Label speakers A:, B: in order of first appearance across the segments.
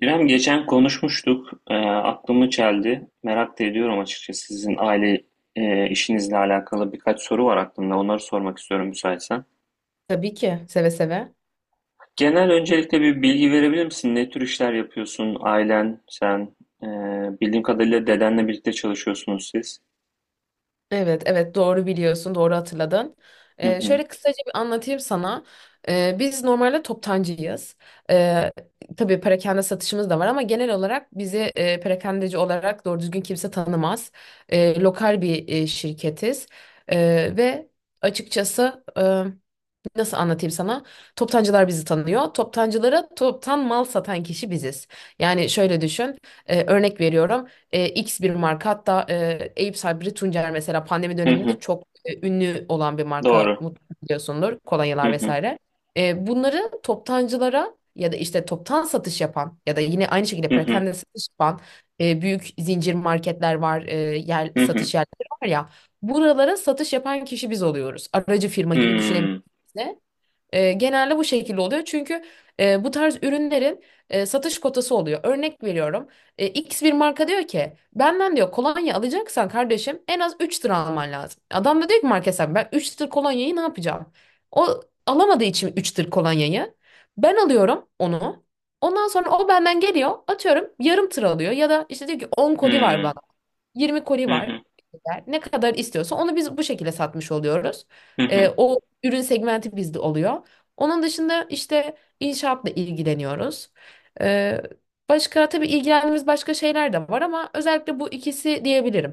A: İrem geçen konuşmuştuk. Aklımı çeldi. Merak da ediyorum açıkçası. Sizin aile işinizle alakalı birkaç soru var aklımda. Onları sormak istiyorum müsaitsen.
B: Tabii ki seve seve.
A: Genel öncelikle bir bilgi verebilir misin? Ne tür işler yapıyorsun? Ailen, sen, e, bildiğim kadarıyla dedenle birlikte çalışıyorsunuz siz.
B: Evet, evet, doğru biliyorsun, doğru hatırladın.
A: Hı hı.
B: Şöyle kısaca bir anlatayım sana. Biz normalde toptancıyız. Ee, tabii perakende satışımız da var ama genel olarak bizi perakendeci olarak doğru düzgün kimse tanımaz. Lokal bir şirketiz. Ve açıkçası, nasıl anlatayım sana? Toptancılar bizi tanıyor. Toptancılara toptan mal satan kişi biziz. Yani şöyle düşün. Örnek veriyorum. X bir marka, hatta Eyüp Sabri Tuncer, mesela pandemi
A: Hı
B: döneminde
A: hı.
B: çok ünlü olan bir marka,
A: Doğru.
B: mutlaka biliyorsundur.
A: Hı
B: Kolonyalar
A: hı.
B: vesaire. Bunları toptancılara ya da işte toptan satış yapan ya da yine aynı şekilde
A: Hı hı.
B: perakende satış yapan büyük zincir marketler var. Yer
A: Hı hı.
B: satış yerleri var ya. Buralara satış yapan kişi biz oluyoruz. Aracı firma gibi düşünebiliriz.
A: Hmm.
B: Genelde bu şekilde oluyor. Çünkü bu tarz ürünlerin satış kotası oluyor. Örnek veriyorum. X bir marka diyor ki, benden diyor kolonya alacaksan kardeşim en az 3 tır alman lazım. Adam da diyor ki, market sahibi, ben 3 tır kolonyayı ne yapacağım? O alamadığı için 3 tır kolonyayı ben alıyorum onu. Ondan sonra o benden geliyor, atıyorum yarım tır alıyor ya da işte diyor ki 10 koli var bana.
A: Hmm.
B: 20 koli
A: Hı
B: var.
A: hı.
B: Ne kadar istiyorsa onu biz bu şekilde satmış oluyoruz.
A: Hı hı.
B: O ürün segmenti bizde oluyor. Onun dışında işte inşaatla ilgileniyoruz. Ee, başka, tabii ilgilendiğimiz başka şeyler de var ama özellikle bu ikisi diyebilirim.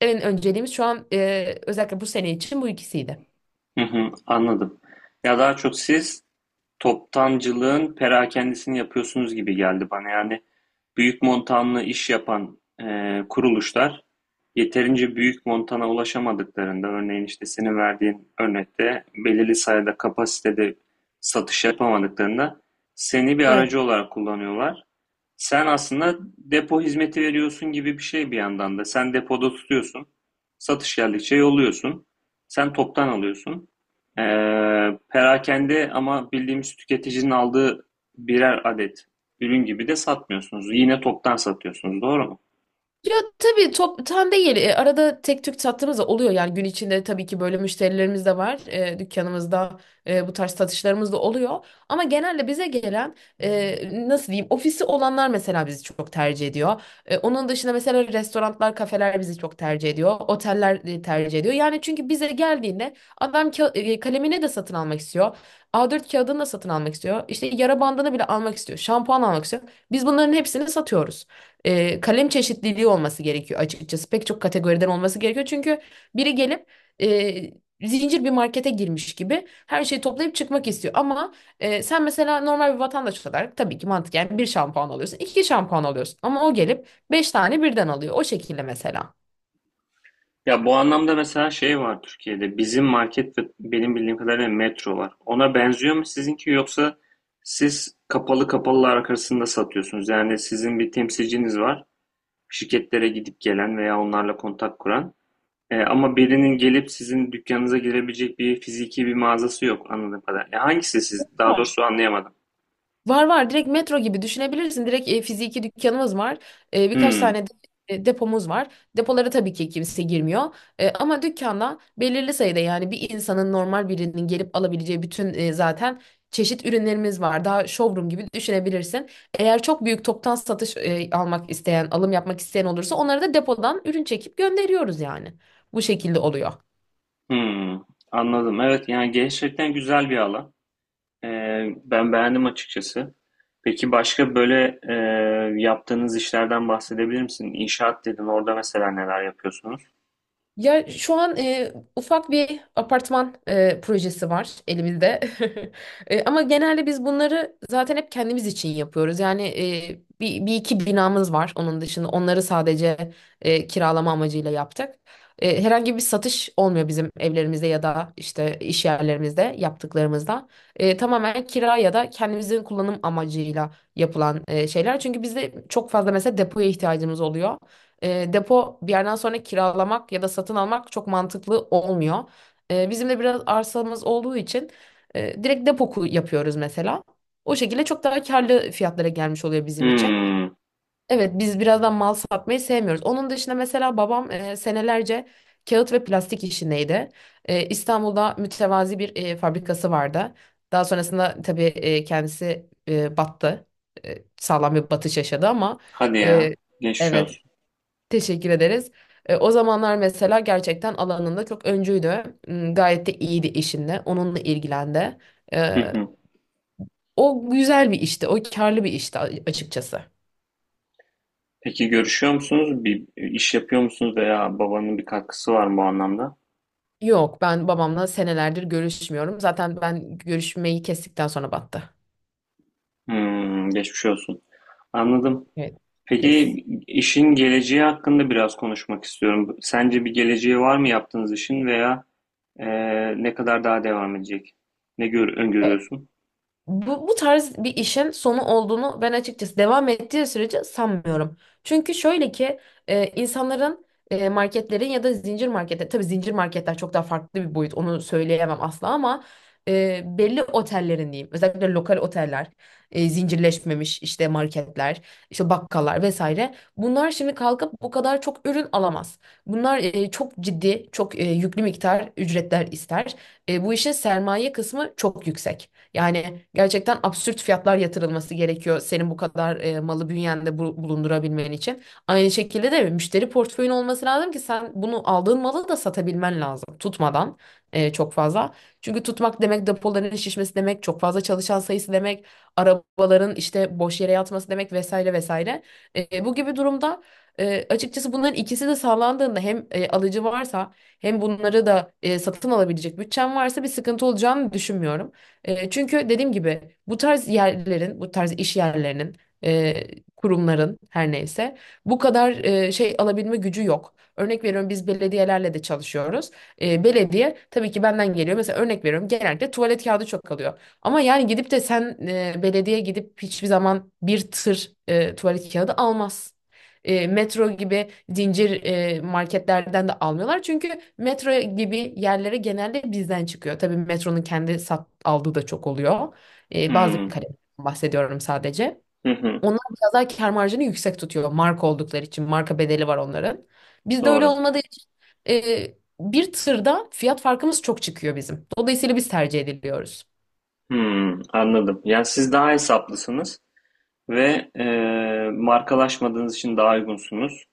B: En önceliğimiz şu an, özellikle bu sene için, bu ikisiydi.
A: Hı hı. Anladım. Ya daha çok siz toptancılığın perakendisini yapıyorsunuz gibi geldi bana. Yani büyük montanlı iş yapan kuruluşlar yeterince büyük montana ulaşamadıklarında, örneğin işte senin verdiğin örnekte belirli sayıda kapasitede satış yapamadıklarında seni bir
B: Evet.
A: aracı olarak kullanıyorlar. Sen aslında depo hizmeti veriyorsun gibi bir şey bir yandan da. Sen depoda tutuyorsun. Satış geldikçe yolluyorsun. Sen toptan alıyorsun. Ee, Perakende ama bildiğimiz tüketicinin aldığı birer adet ürün gibi de satmıyorsunuz. Yine toptan satıyorsunuz, doğru mu?
B: Ya tabii toptan değil. Arada tek tük sattığımız da oluyor. Yani gün içinde tabii ki böyle müşterilerimiz de var. Dükkanımızda bu tarz satışlarımız da oluyor. Ama genelde bize gelen, nasıl diyeyim, ofisi olanlar mesela bizi çok tercih ediyor. Onun dışında mesela restoranlar, kafeler bizi çok tercih ediyor. Oteller tercih ediyor. Yani çünkü bize geldiğinde adam kalemini de satın almak istiyor. A4 kağıdını da satın almak istiyor. İşte yara bandını bile almak istiyor. Şampuan almak istiyor. Biz bunların hepsini satıyoruz. Kalem çeşitliliği olması gerekiyor açıkçası. Pek çok kategoriden olması gerekiyor. Çünkü biri gelip zincir bir markete girmiş gibi her şeyi toplayıp çıkmak istiyor. Ama sen mesela normal bir vatandaş olarak tabii ki mantıken bir şampuan alıyorsun, iki şampuan alıyorsun. Ama o gelip beş tane birden alıyor. O şekilde mesela.
A: Ya bu anlamda mesela şey var Türkiye'de. Bizim market ve benim bildiğim kadarıyla metro var. Ona benziyor mu sizinki, yoksa siz kapalı kapalılar arasında satıyorsunuz? Yani sizin bir temsilciniz var, şirketlere gidip gelen veya onlarla kontak kuran. E, ama birinin gelip sizin dükkanınıza girebilecek bir fiziki bir mağazası yok anladığım kadarıyla. E, hangisi siz? Daha
B: Var.
A: doğrusu anlayamadım.
B: Var, var, direkt metro gibi düşünebilirsin. Direkt fiziki dükkanımız var. Birkaç
A: Hmm,
B: tane depomuz var. Depolara tabii ki kimse girmiyor. Ama dükkanda belirli sayıda, yani bir insanın, normal birinin gelip alabileceği bütün zaten çeşit ürünlerimiz var. Daha showroom gibi düşünebilirsin. Eğer çok büyük toptan satış almak isteyen, alım yapmak isteyen olursa, onları da depodan ürün çekip gönderiyoruz yani. Bu şekilde oluyor.
A: hmm, anladım. Evet, yani gerçekten güzel bir alan. E, ben beğendim açıkçası. Peki başka böyle yaptığınız işlerden bahsedebilir misin? İnşaat dedin, orada mesela neler yapıyorsunuz?
B: Ya şu an ufak bir apartman projesi var elimizde. Ama genelde biz bunları zaten hep kendimiz için yapıyoruz. Yani bir iki binamız var onun dışında. Onları sadece kiralama amacıyla yaptık. Herhangi bir satış olmuyor bizim evlerimizde ya da işte iş yerlerimizde yaptıklarımızda. Tamamen kira ya da kendimizin kullanım amacıyla yapılan şeyler. Çünkü bizde çok fazla, mesela depoya ihtiyacımız oluyor. Depo bir yerden sonra kiralamak ya da satın almak çok mantıklı olmuyor. Bizim de biraz arsamız olduğu için direkt depo yapıyoruz mesela. O şekilde çok daha karlı fiyatlara gelmiş oluyor bizim için.
A: Hmm,
B: Evet, biz birazdan mal satmayı sevmiyoruz. Onun dışında mesela babam senelerce kağıt ve plastik işindeydi. İstanbul'da mütevazi bir fabrikası vardı. Daha sonrasında tabii kendisi battı. Sağlam bir batış yaşadı ama,
A: hadi
B: e,
A: ya. Geçmiş
B: evet.
A: olsun.
B: Teşekkür ederiz. O zamanlar mesela gerçekten alanında çok öncüydü. Gayet de iyiydi işinde. Onunla ilgilendi. E, o güzel bir işti. O karlı bir işti açıkçası.
A: Peki görüşüyor musunuz? Bir iş yapıyor musunuz veya babanın bir katkısı var mı bu anlamda?
B: Yok, ben babamla senelerdir görüşmüyorum. Zaten ben görüşmeyi kestikten sonra battı.
A: Hmm, geçmiş olsun. Anladım.
B: Evet. Des.
A: Peki işin geleceği hakkında biraz konuşmak istiyorum. Sence bir geleceği var mı yaptığınız işin, veya e, ne kadar daha devam edecek? Öngörüyorsun?
B: Bu tarz bir işin sonu olduğunu ben açıkçası devam ettiği sürece sanmıyorum. Çünkü şöyle ki, insanların, marketlerin ya da zincir marketler, tabii zincir marketler çok daha farklı bir boyut, onu söyleyemem asla, ama belli otellerin diyeyim, özellikle lokal oteller, zincirleşmemiş işte marketler, işte bakkallar vesaire, bunlar şimdi kalkıp bu kadar çok ürün alamaz. Bunlar çok ciddi, çok yüklü miktar ücretler ister. Bu işin sermaye kısmı çok yüksek. Yani gerçekten absürt fiyatlar yatırılması gerekiyor senin bu kadar malı bünyende bulundurabilmen için. Aynı şekilde de müşteri portföyün olması lazım ki sen bunu, aldığın malı da satabilmen lazım, tutmadan çok fazla. Çünkü tutmak demek depoların şişmesi demek, çok fazla çalışan sayısı demek, arabaların işte boş yere yatması demek, vesaire vesaire. Bu gibi durumda, açıkçası bunların ikisi de sağlandığında, hem alıcı varsa hem bunları da satın alabilecek bütçen varsa, bir sıkıntı olacağını düşünmüyorum. Çünkü dediğim gibi bu tarz yerlerin, bu tarz iş yerlerinin, e, kurumların, her neyse, bu kadar şey alabilme gücü yok. Örnek veriyorum, biz belediyelerle de çalışıyoruz. Belediye tabii ki benden geliyor. Mesela örnek veriyorum, genellikle tuvalet kağıdı çok alıyor. Ama yani gidip de sen, belediye gidip hiçbir zaman bir tır tuvalet kağıdı almaz. Metro gibi zincir marketlerden de almıyorlar. Çünkü metro gibi yerlere genelde bizden çıkıyor. Tabii metronun kendi aldığı da çok oluyor. Bazı
A: Hmm,
B: kalemlerden bahsediyorum sadece.
A: hı hı,
B: Onlar biraz daha kâr marjını yüksek tutuyor marka oldukları için. Marka bedeli var onların. Bizde öyle
A: doğru.
B: olmadığı için e, bir tırda fiyat farkımız çok çıkıyor bizim. Dolayısıyla biz tercih ediliyoruz.
A: Hmm, anladım. Yani siz daha hesaplısınız ve markalaşmadığınız için daha uygunsunuz.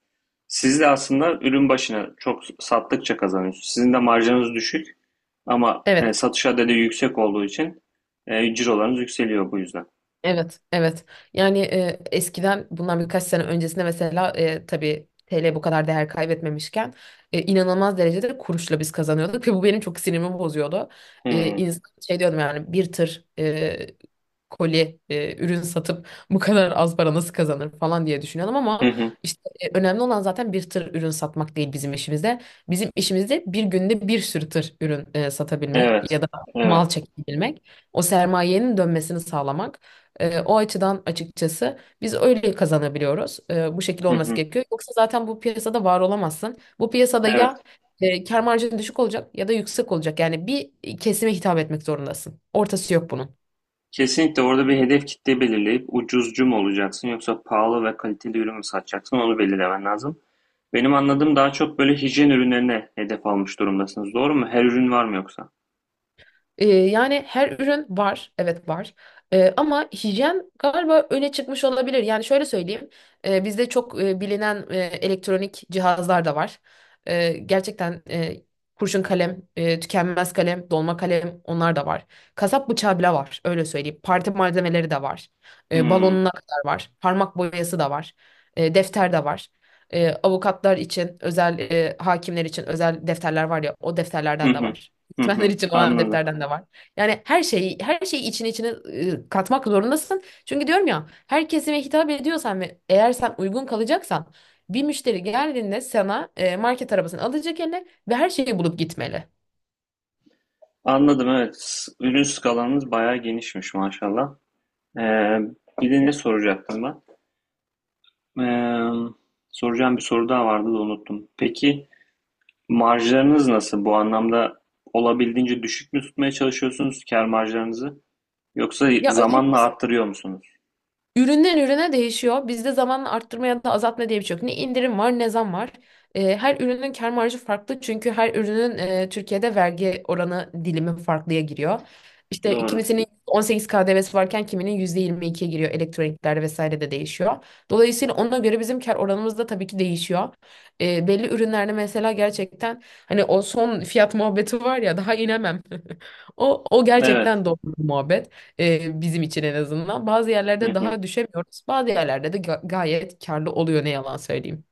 A: Siz de aslında ürün başına çok sattıkça kazanıyorsunuz. Sizin de marjınız düşük ama
B: Evet,
A: satış adedi yüksek olduğu için cirolarınız yükseliyor bu yüzden.
B: evet, evet. Yani eskiden, bundan birkaç sene öncesinde mesela, tabii TL bu kadar değer kaybetmemişken inanılmaz derecede kuruşla biz kazanıyorduk ve bu benim çok sinirimi bozuyordu.
A: Hmm.
B: İnsan şey diyordum, yani bir tır koli ürün satıp bu kadar az para nasıl kazanır falan diye düşünüyordum,
A: Hı
B: ama
A: hı.
B: işte önemli olan zaten bir tır ürün satmak değil bizim işimizde. Bizim işimizde bir günde bir sürü tır ürün satabilmek
A: Evet.
B: ya da
A: Evet.
B: mal çekebilmek, o sermayenin dönmesini sağlamak. O açıdan açıkçası biz öyle kazanabiliyoruz. Bu şekilde
A: Hı
B: olması
A: hı.
B: gerekiyor. Yoksa zaten bu piyasada var olamazsın. Bu piyasada
A: Evet.
B: ya kâr marjın düşük olacak ya da yüksek olacak. Yani bir kesime hitap etmek zorundasın. Ortası yok bunun.
A: Kesinlikle, orada bir hedef kitle belirleyip ucuzcu mu olacaksın yoksa pahalı ve kaliteli ürün mü satacaksın onu belirlemen lazım. Benim anladığım daha çok böyle hijyen ürünlerine hedef almış durumdasınız. Doğru mu? Her ürün var mı, yoksa?
B: Yani her ürün var, evet var. Ama hijyen galiba öne çıkmış olabilir. Yani şöyle söyleyeyim, bizde çok bilinen elektronik cihazlar da var. Gerçekten kurşun kalem, tükenmez kalem, dolma kalem, onlar da var. Kasap bıçağı bile var, öyle söyleyeyim. Parti malzemeleri de var.
A: Hmm.
B: Balonuna kadar var. Parmak boyası da var. Defter de var. Avukatlar için özel, hakimler için özel defterler var ya, o
A: Hı
B: defterlerden de
A: hı.
B: var.
A: Hı
B: Öğretmenler
A: hı.
B: için olan
A: Anladım.
B: defterden de var. Yani her şeyi, her şeyi içine içine katmak zorundasın. Çünkü diyorum ya, her kesime hitap ediyorsan ve eğer sen uygun kalacaksan, bir müşteri geldiğinde sana, market arabasını alacak eline ve her şeyi bulup gitmeli.
A: Anladım, evet. Ürün skalanız bayağı genişmiş maşallah. Ee, Bir de ne soracaktım ben? Ee, Soracağım bir soru daha vardı da unuttum. Peki marjlarınız nasıl? Bu anlamda olabildiğince düşük mü tutmaya çalışıyorsunuz kâr marjlarınızı? Yoksa
B: Ya
A: zamanla
B: açıkçası,
A: arttırıyor musunuz?
B: üründen ürüne değişiyor. Bizde zamanla arttırma ya da azaltma diye bir şey yok. Ne indirim var ne zam var. Her ürünün kâr marjı farklı. Çünkü her ürünün Türkiye'de vergi oranı dilimi farklıya giriyor. İşte
A: Doğru.
B: kimisinin 18 KDV'si varken kiminin %22'ye giriyor. Elektroniklerde vesaire de değişiyor. Dolayısıyla ona göre bizim kâr oranımız da tabii ki değişiyor. Belli ürünlerde mesela, gerçekten hani o son fiyat muhabbeti var ya, daha inemem. O
A: Evet.
B: gerçekten doğru bir muhabbet. Bizim için en azından. Bazı
A: Hı
B: yerlerde
A: hı.
B: daha düşemiyoruz. Bazı yerlerde de gayet karlı oluyor, ne yalan söyleyeyim.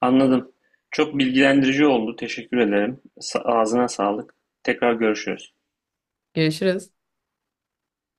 A: Anladım. Çok bilgilendirici oldu. Teşekkür ederim. Ağzına sağlık. Tekrar görüşürüz.
B: Görüşürüz.